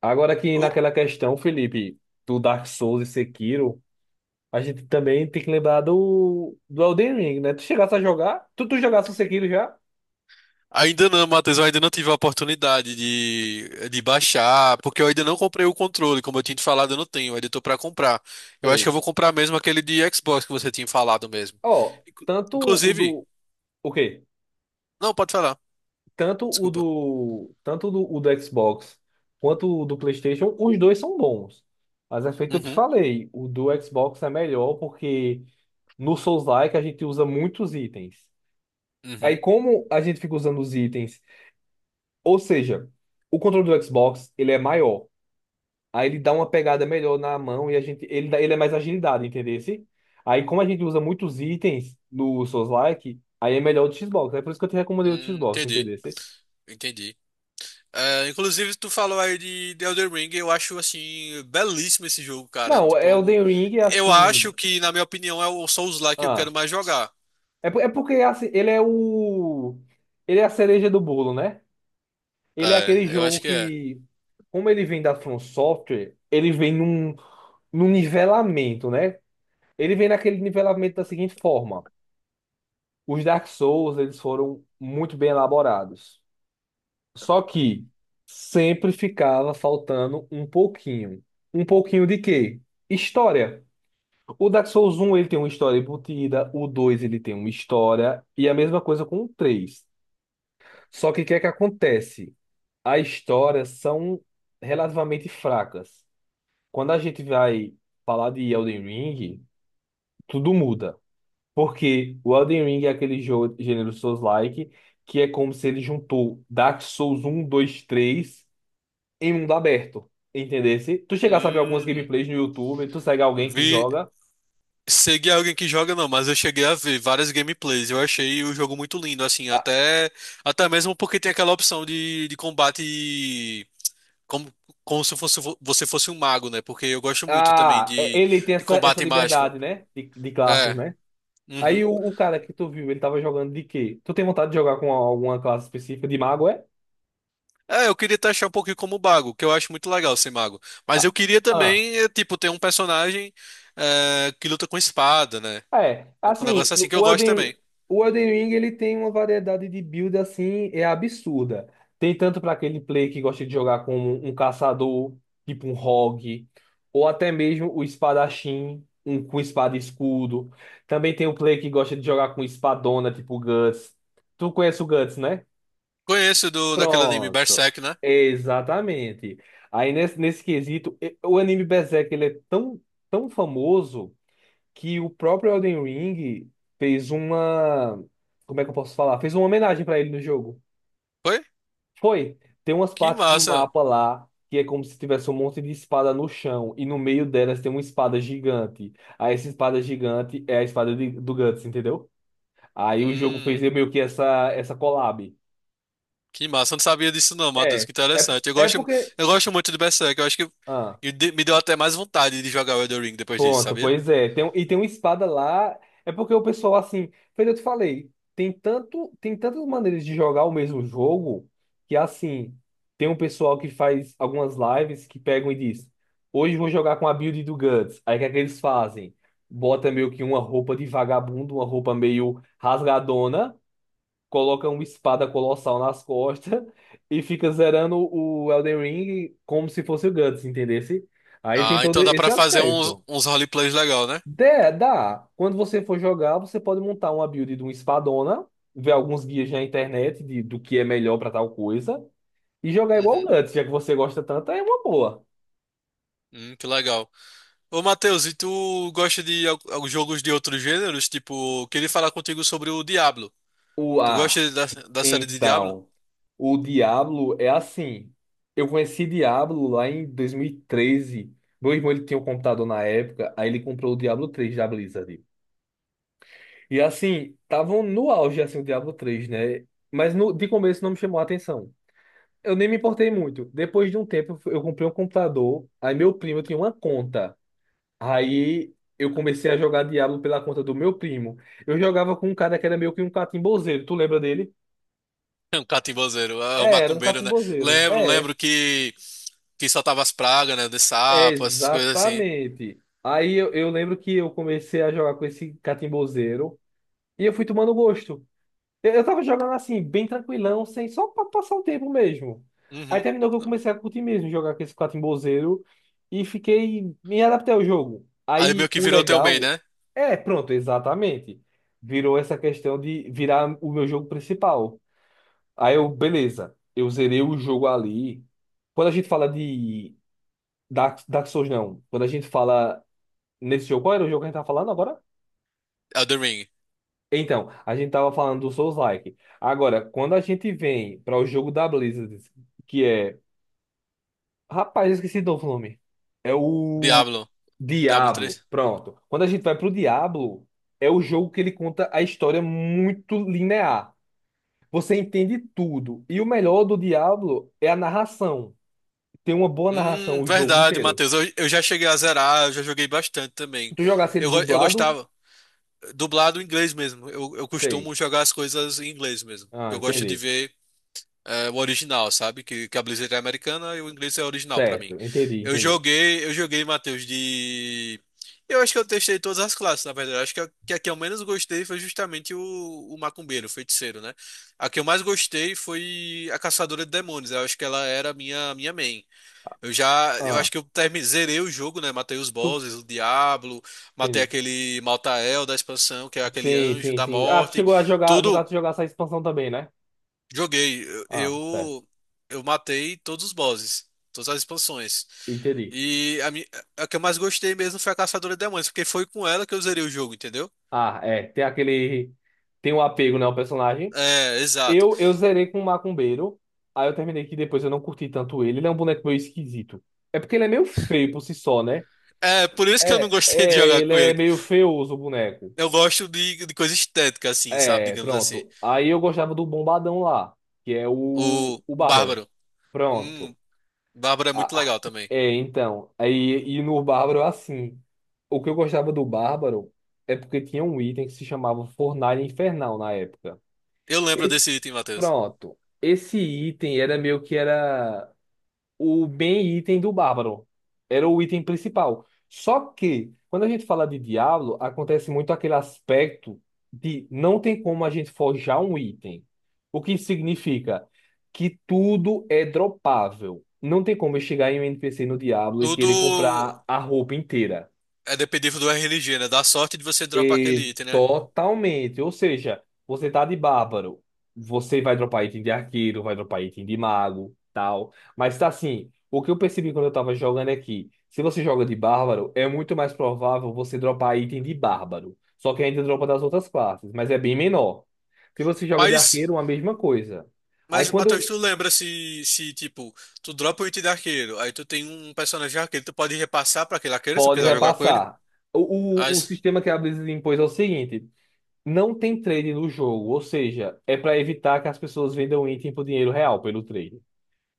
Agora que Eu- naquela questão, Felipe, do Dark Souls e Sekiro, a gente também tem que lembrar do Elden Ring, né? Tu chegasse a jogar? Tu jogasse o Sekiro já? Ainda não, Matheus, eu ainda não tive a oportunidade de baixar, porque eu ainda não comprei o controle, como eu tinha te falado, eu não tenho, eu ainda tô pra comprar. Eu acho que eu Sei. vou comprar mesmo aquele de Xbox que você tinha falado mesmo. Ó, Inclu- tanto o Inclusive, do. O quê? não, pode falar, Tanto o desculpa. do. Tanto do, o do Xbox quanto o do PlayStation, os dois são bons. Mas é feito, eu te Uhum, falei, o do Xbox é melhor porque no Souls-like a gente usa muitos itens. Aí, uhum. como a gente fica usando os itens. Ou seja, o controle do Xbox, ele é maior. Aí ele dá uma pegada melhor na mão e a gente, ele, ele é mais agilidade, entendeu? Aí como a gente usa muitos itens no Souls-like, aí é melhor o do Xbox. É por isso que eu te recomendei o do Xbox, Entendi, entendeu? entendi. É, inclusive, tu falou aí de Elden Ring. Eu acho, assim, belíssimo esse jogo, cara. Não, Tipo, é o eu Elden Ring é eu acho assim. que, na minha opinião, é o Souls-like que eu quero Ah, mais jogar. é, é porque assim, ele é o. Ele é a cereja do bolo, né? Ele é aquele É, eu jogo acho que é. que, como ele vem da From Software, ele vem num nivelamento, né? Ele vem naquele nivelamento da seguinte forma. Os Dark Souls, eles foram muito bem elaborados. Só que sempre ficava faltando um pouquinho. Um pouquinho de quê? História. O Dark Souls um ele tem uma história embutida, o 2 ele tem uma história, e a mesma coisa com o 3. Só que o que é que acontece? As histórias são relativamente fracas. Quando a gente vai falar de Elden Ring, tudo muda. Porque o Elden Ring é aquele jogo gênero Souls-like, que é como se ele juntou Dark Souls um, 2, 3 em mundo aberto. Entendesse? Tu chegasse a ver algumas Hum. gameplays no YouTube, tu segue alguém que Vi, joga. seguir alguém que joga não, mas eu cheguei a ver várias gameplays. Eu achei o jogo muito lindo, assim, Ah, até até mesmo porque tem aquela opção de combate como como se fosse você fosse um mago, né? Porque eu gosto muito também ah, ele tem de essa combate mágico. liberdade, né? De classes, É. né? Aí Uhum. o cara que tu viu, ele tava jogando de quê? Tu tem vontade de jogar com alguma classe específica de mago, é? É, eu queria taxar um pouquinho como mago, que eu acho muito legal ser mago. Mas Ah, eu queria ah. também, tipo, ter um personagem que luta com espada, né? É, Um assim, negócio assim que eu gosto também. o Elden Ring ele tem uma variedade de build assim, é absurda. Tem tanto para aquele play que gosta de jogar como um caçador, tipo um rogue, ou até mesmo o espadachim, um com espada e escudo. Também tem o play que gosta de jogar com espadona, tipo o Guts. Tu conhece o Guts, né? Conheço do daquele anime Pronto. Berserk, né? Exatamente. Aí nesse quesito, o anime Berserk ele é tão, tão famoso que o próprio Elden Ring fez uma. Como é que eu posso falar? Fez uma homenagem pra ele no jogo. Foi? Foi. Tem umas Que partes do massa. mapa lá que é como se tivesse um monte de espada no chão e no meio delas tem uma espada gigante. Aí essa espada gigante é a espada do Guts, entendeu? Aí o jogo fez Hum, meio que essa collab. que massa, eu não sabia disso não, Matheus, É. que É, interessante. É porque. Eu gosto muito de Berserk, eu acho que Ah. Me deu até mais vontade de jogar o Elden Ring depois disso, Ponto, sabia? pois é. Tem, e tem uma espada lá. É porque o pessoal, assim, foi o que eu te falei, tem tantas maneiras de jogar o mesmo jogo que, assim, tem um pessoal que faz algumas lives que pegam e diz: Hoje eu vou jogar com a build do Guts. Aí o que é que eles fazem? Bota meio que uma roupa de vagabundo, uma roupa meio rasgadona, coloca uma espada colossal nas costas e fica zerando o Elden Ring como se fosse o Guts, entendesse? Aí tem Ah, todo então dá esse pra fazer uns, aspecto. uns roleplays legal, né? Dé, dá. Quando você for jogar, você pode montar uma build de um espadona, ver alguns guias na internet de, do que é melhor pra tal coisa, e jogar igual o Uhum. Guts, já que você gosta tanto, é uma boa. Que legal. Ô, Matheus, e tu gosta de jogos de outros gêneros? Tipo, queria falar contigo sobre o Diablo. O Tu A, gosta da, da série de Diablo? então, o Diablo é assim. Eu conheci Diablo lá em 2013. Meu irmão ele tinha um computador na época, aí ele comprou o Diablo 3 da Blizzard. E assim, estavam no auge assim, o Diablo três, né? Mas no, de começo não me chamou a atenção. Eu nem me importei muito. Depois de um tempo, eu comprei um computador. Aí meu primo tinha uma conta. Aí eu comecei a jogar Diablo pela conta do meu primo. Eu jogava com um cara que era meio que um catimbozeiro. Tu lembra dele? Um catimbozeiro, ah, um É, era um macumbeiro, né? catimbozeiro. Lembro, É, lembro que soltava as pragas, né? De é sapo, essas coisas assim. exatamente. Aí eu lembro que eu comecei a jogar com esse catimbozeiro. E eu fui tomando gosto. Eu tava jogando assim, bem tranquilão, sem, só pra passar o tempo mesmo. Aí Uhum. terminou que eu comecei a curtir mesmo, jogar com esse catimbozeiro e fiquei, me adaptei ao jogo. Aí Aí meio que o virou teu main, legal, né? é, pronto, exatamente. Virou essa questão de virar o meu jogo principal. Aí eu, beleza, eu zerei o jogo ali. Quando a gente fala de Dark Souls, não. Quando a gente fala nesse jogo, qual era o jogo que a gente tava falando agora? Elden Ring. Então, a gente tava falando do Souls-like. Agora, quando a gente vem para o jogo da Blizzard, que é. Rapaz, eu esqueci do nome. É o Diablo. Diablo Diablo. três. Pronto. Quando a gente vai pro Diablo, é o jogo que ele conta a história muito linear. Você entende tudo. E o melhor do Diablo é a narração. Tem uma boa narração o jogo Verdade, inteiro. Matheus. Eu já cheguei a zerar, eu já joguei bastante Se também. tu jogasse ele Eu dublado, gostava. Dublado em inglês mesmo. Eu sei. costumo jogar as coisas em inglês mesmo. Ah, Eu gosto de entendi. ver. É, o original, sabe? Que a Blizzard é americana e o inglês é original pra mim. Certo, entendi, entendi. Eu joguei, Matheus, de. Eu acho que eu testei todas as classes, na verdade. Eu acho que a, que a que eu menos gostei foi justamente o macumbeiro, o feiticeiro, né? A que eu mais gostei foi a caçadora de demônios. Eu acho que ela era a minha, minha main. Eu já, eu Ah, acho que eu zerei o jogo, né? Matei os tu. bosses, o Diablo, matei Entendi. aquele Maltael da expansão, que é aquele Sim, anjo sim, da sim. Ah, tu morte. chegou a jogar, no Tudo, caso, tu jogar essa expansão também, né? joguei. Ah, certo. Eu, eu matei todos os bosses, todas as expansões. Entendi. E a que eu mais gostei mesmo foi a Caçadora de Demônios, porque foi com ela que eu zerei o jogo, entendeu? Ah, é. Tem aquele. Tem um apego, né, ao personagem. É, exato. Eu zerei com o Macumbeiro. Aí eu terminei que depois eu não curti tanto ele. Ele é um boneco meio esquisito. É porque ele é meio feio por si só, né? É, por isso que eu não É, gostei de é, jogar ele com é ele. meio feioso o boneco. Eu gosto de coisa estética, assim, sabe? É, Digamos assim. pronto. Aí eu gostava do Bombadão lá, que é o, O, o o Bárbaro. Bárbaro. Pronto. Hum, Bárbaro é muito Ah, legal também. é, então. Aí, e no Bárbaro, assim. O que eu gostava do Bárbaro é porque tinha um item que se chamava Fornalha Infernal na época. Eu lembro desse Esse, item, Matheus. pronto. Esse item era meio que era o bem item do bárbaro. Era o item principal. Só que, quando a gente fala de Diablo, acontece muito aquele aspecto de não tem como a gente forjar um item. O que significa que tudo é dropável. Não tem como eu chegar em um NPC no Diablo e querer Tudo comprar a roupa inteira. é dependível do RNG, né? Da sorte de você dropar aquele E item, né? totalmente. Ou seja, você tá de bárbaro. Você vai dropar item de arqueiro, vai dropar item de mago, tal. Mas tá assim, o que eu percebi quando eu tava jogando é que, se você joga de bárbaro, é muito mais provável você dropar item de bárbaro. Só que ainda dropa das outras classes, mas é bem menor. Se você joga de Mas. arqueiro, a mesma coisa. Aí Mas, quando Matheus, eu- tu lembra se, se, tipo, tu dropa o item de arqueiro, aí tu tem um personagem de arqueiro, tu pode repassar pra aquele arqueiro se tu Pode quiser jogar com ele? repassar. O, o As... sistema que a Blizzard impôs é o seguinte. Não tem trade no jogo, ou seja, é para evitar que as pessoas vendam item por dinheiro real pelo trade.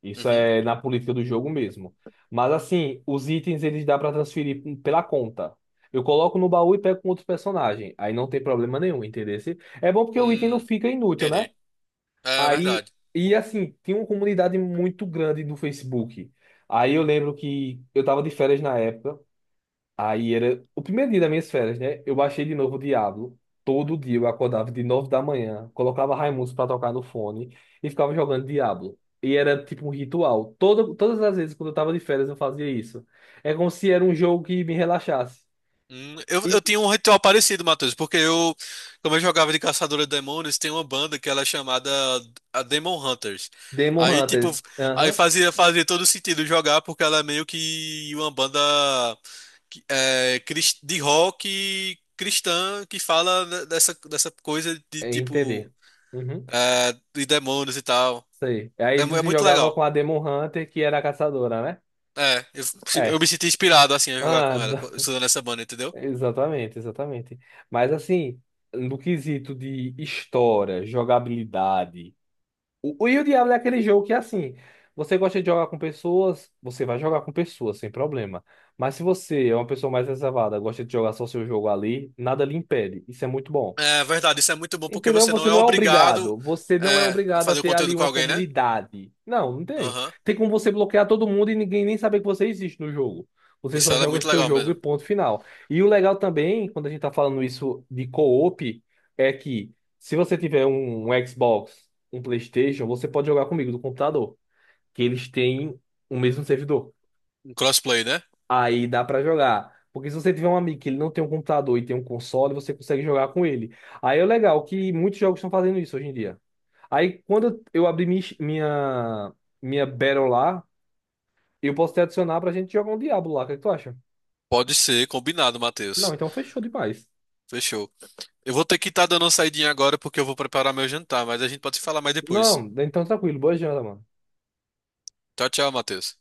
Isso Uhum. é na política do jogo mesmo. Mas assim, os itens eles dá para transferir pela conta. Eu coloco no baú e pego com outro personagem. Aí não tem problema nenhum, entendeu? É bom porque o item não Hum, fica inútil, né? entendi. É Aí, verdade. e assim, tem uma comunidade muito grande no Facebook. Aí eu lembro que eu tava de férias na época. Aí era o primeiro dia das minhas férias, né? Eu baixei de novo o Diablo. Todo dia eu acordava de 9 da manhã, colocava Raimundos pra tocar no fone e ficava jogando Diablo. E era tipo um ritual. Toda, todas as vezes quando eu tava de férias eu fazia isso. É como se era um jogo que me relaxasse. Eu, E eu tinha um ritual parecido, Matheus, porque eu, como eu jogava de caçadora de demônios, tem uma banda que ela é chamada a Demon Hunters. Demon Aí, tipo, Hunters. aí Aham. fazia, fazia todo sentido jogar, porque ela é meio que uma banda é, de rock cristã que fala dessa, dessa coisa de É tipo entender. Uhum. é, de demônios e tal. Sei. Aí É, é você muito jogava legal. com a Demon Hunter, que era a caçadora, né? É, eu É. me senti inspirado assim a jogar Ah, com ela, estudando essa banda, entendeu? exatamente, exatamente. Mas assim, no quesito de história, jogabilidade. O Diablo é aquele jogo que assim, você gosta de jogar com pessoas, você vai jogar com pessoas sem problema. Mas se você é uma pessoa mais reservada, gosta de jogar só seu jogo ali, nada lhe impede. Isso é muito bom. É verdade, isso é muito bom porque Entendeu? você não Você é não é obrigado. obrigado Você não é é, a obrigado a fazer o ter ali conteúdo com uma alguém, né? comunidade. Não, não tem. Aham. Tem como você bloquear todo mundo e ninguém nem saber que você existe no jogo. Você Isso só ela é joga o muito seu legal jogo e mesmo. ponto final. E o legal também, quando a gente tá falando isso de co-op, é que se você tiver um Xbox, um PlayStation, você pode jogar comigo do computador, que eles têm o mesmo servidor. Um crossplay, né? Aí dá pra jogar. Porque se você tiver um amigo que ele não tem um computador e tem um console, você consegue jogar com ele. Aí é legal que muitos jogos estão fazendo isso hoje em dia. Aí quando eu abrir minha Battle lá, eu posso te adicionar pra gente jogar um Diablo lá. O que é que tu acha? Pode ser, combinado, Não, Matheus. então fechou demais. Fechou. Eu vou ter que estar dando uma saidinha agora porque eu vou preparar meu jantar, mas a gente pode se falar mais depois. Não, então tranquilo. Boa janta, mano. Tchau, tchau, Matheus.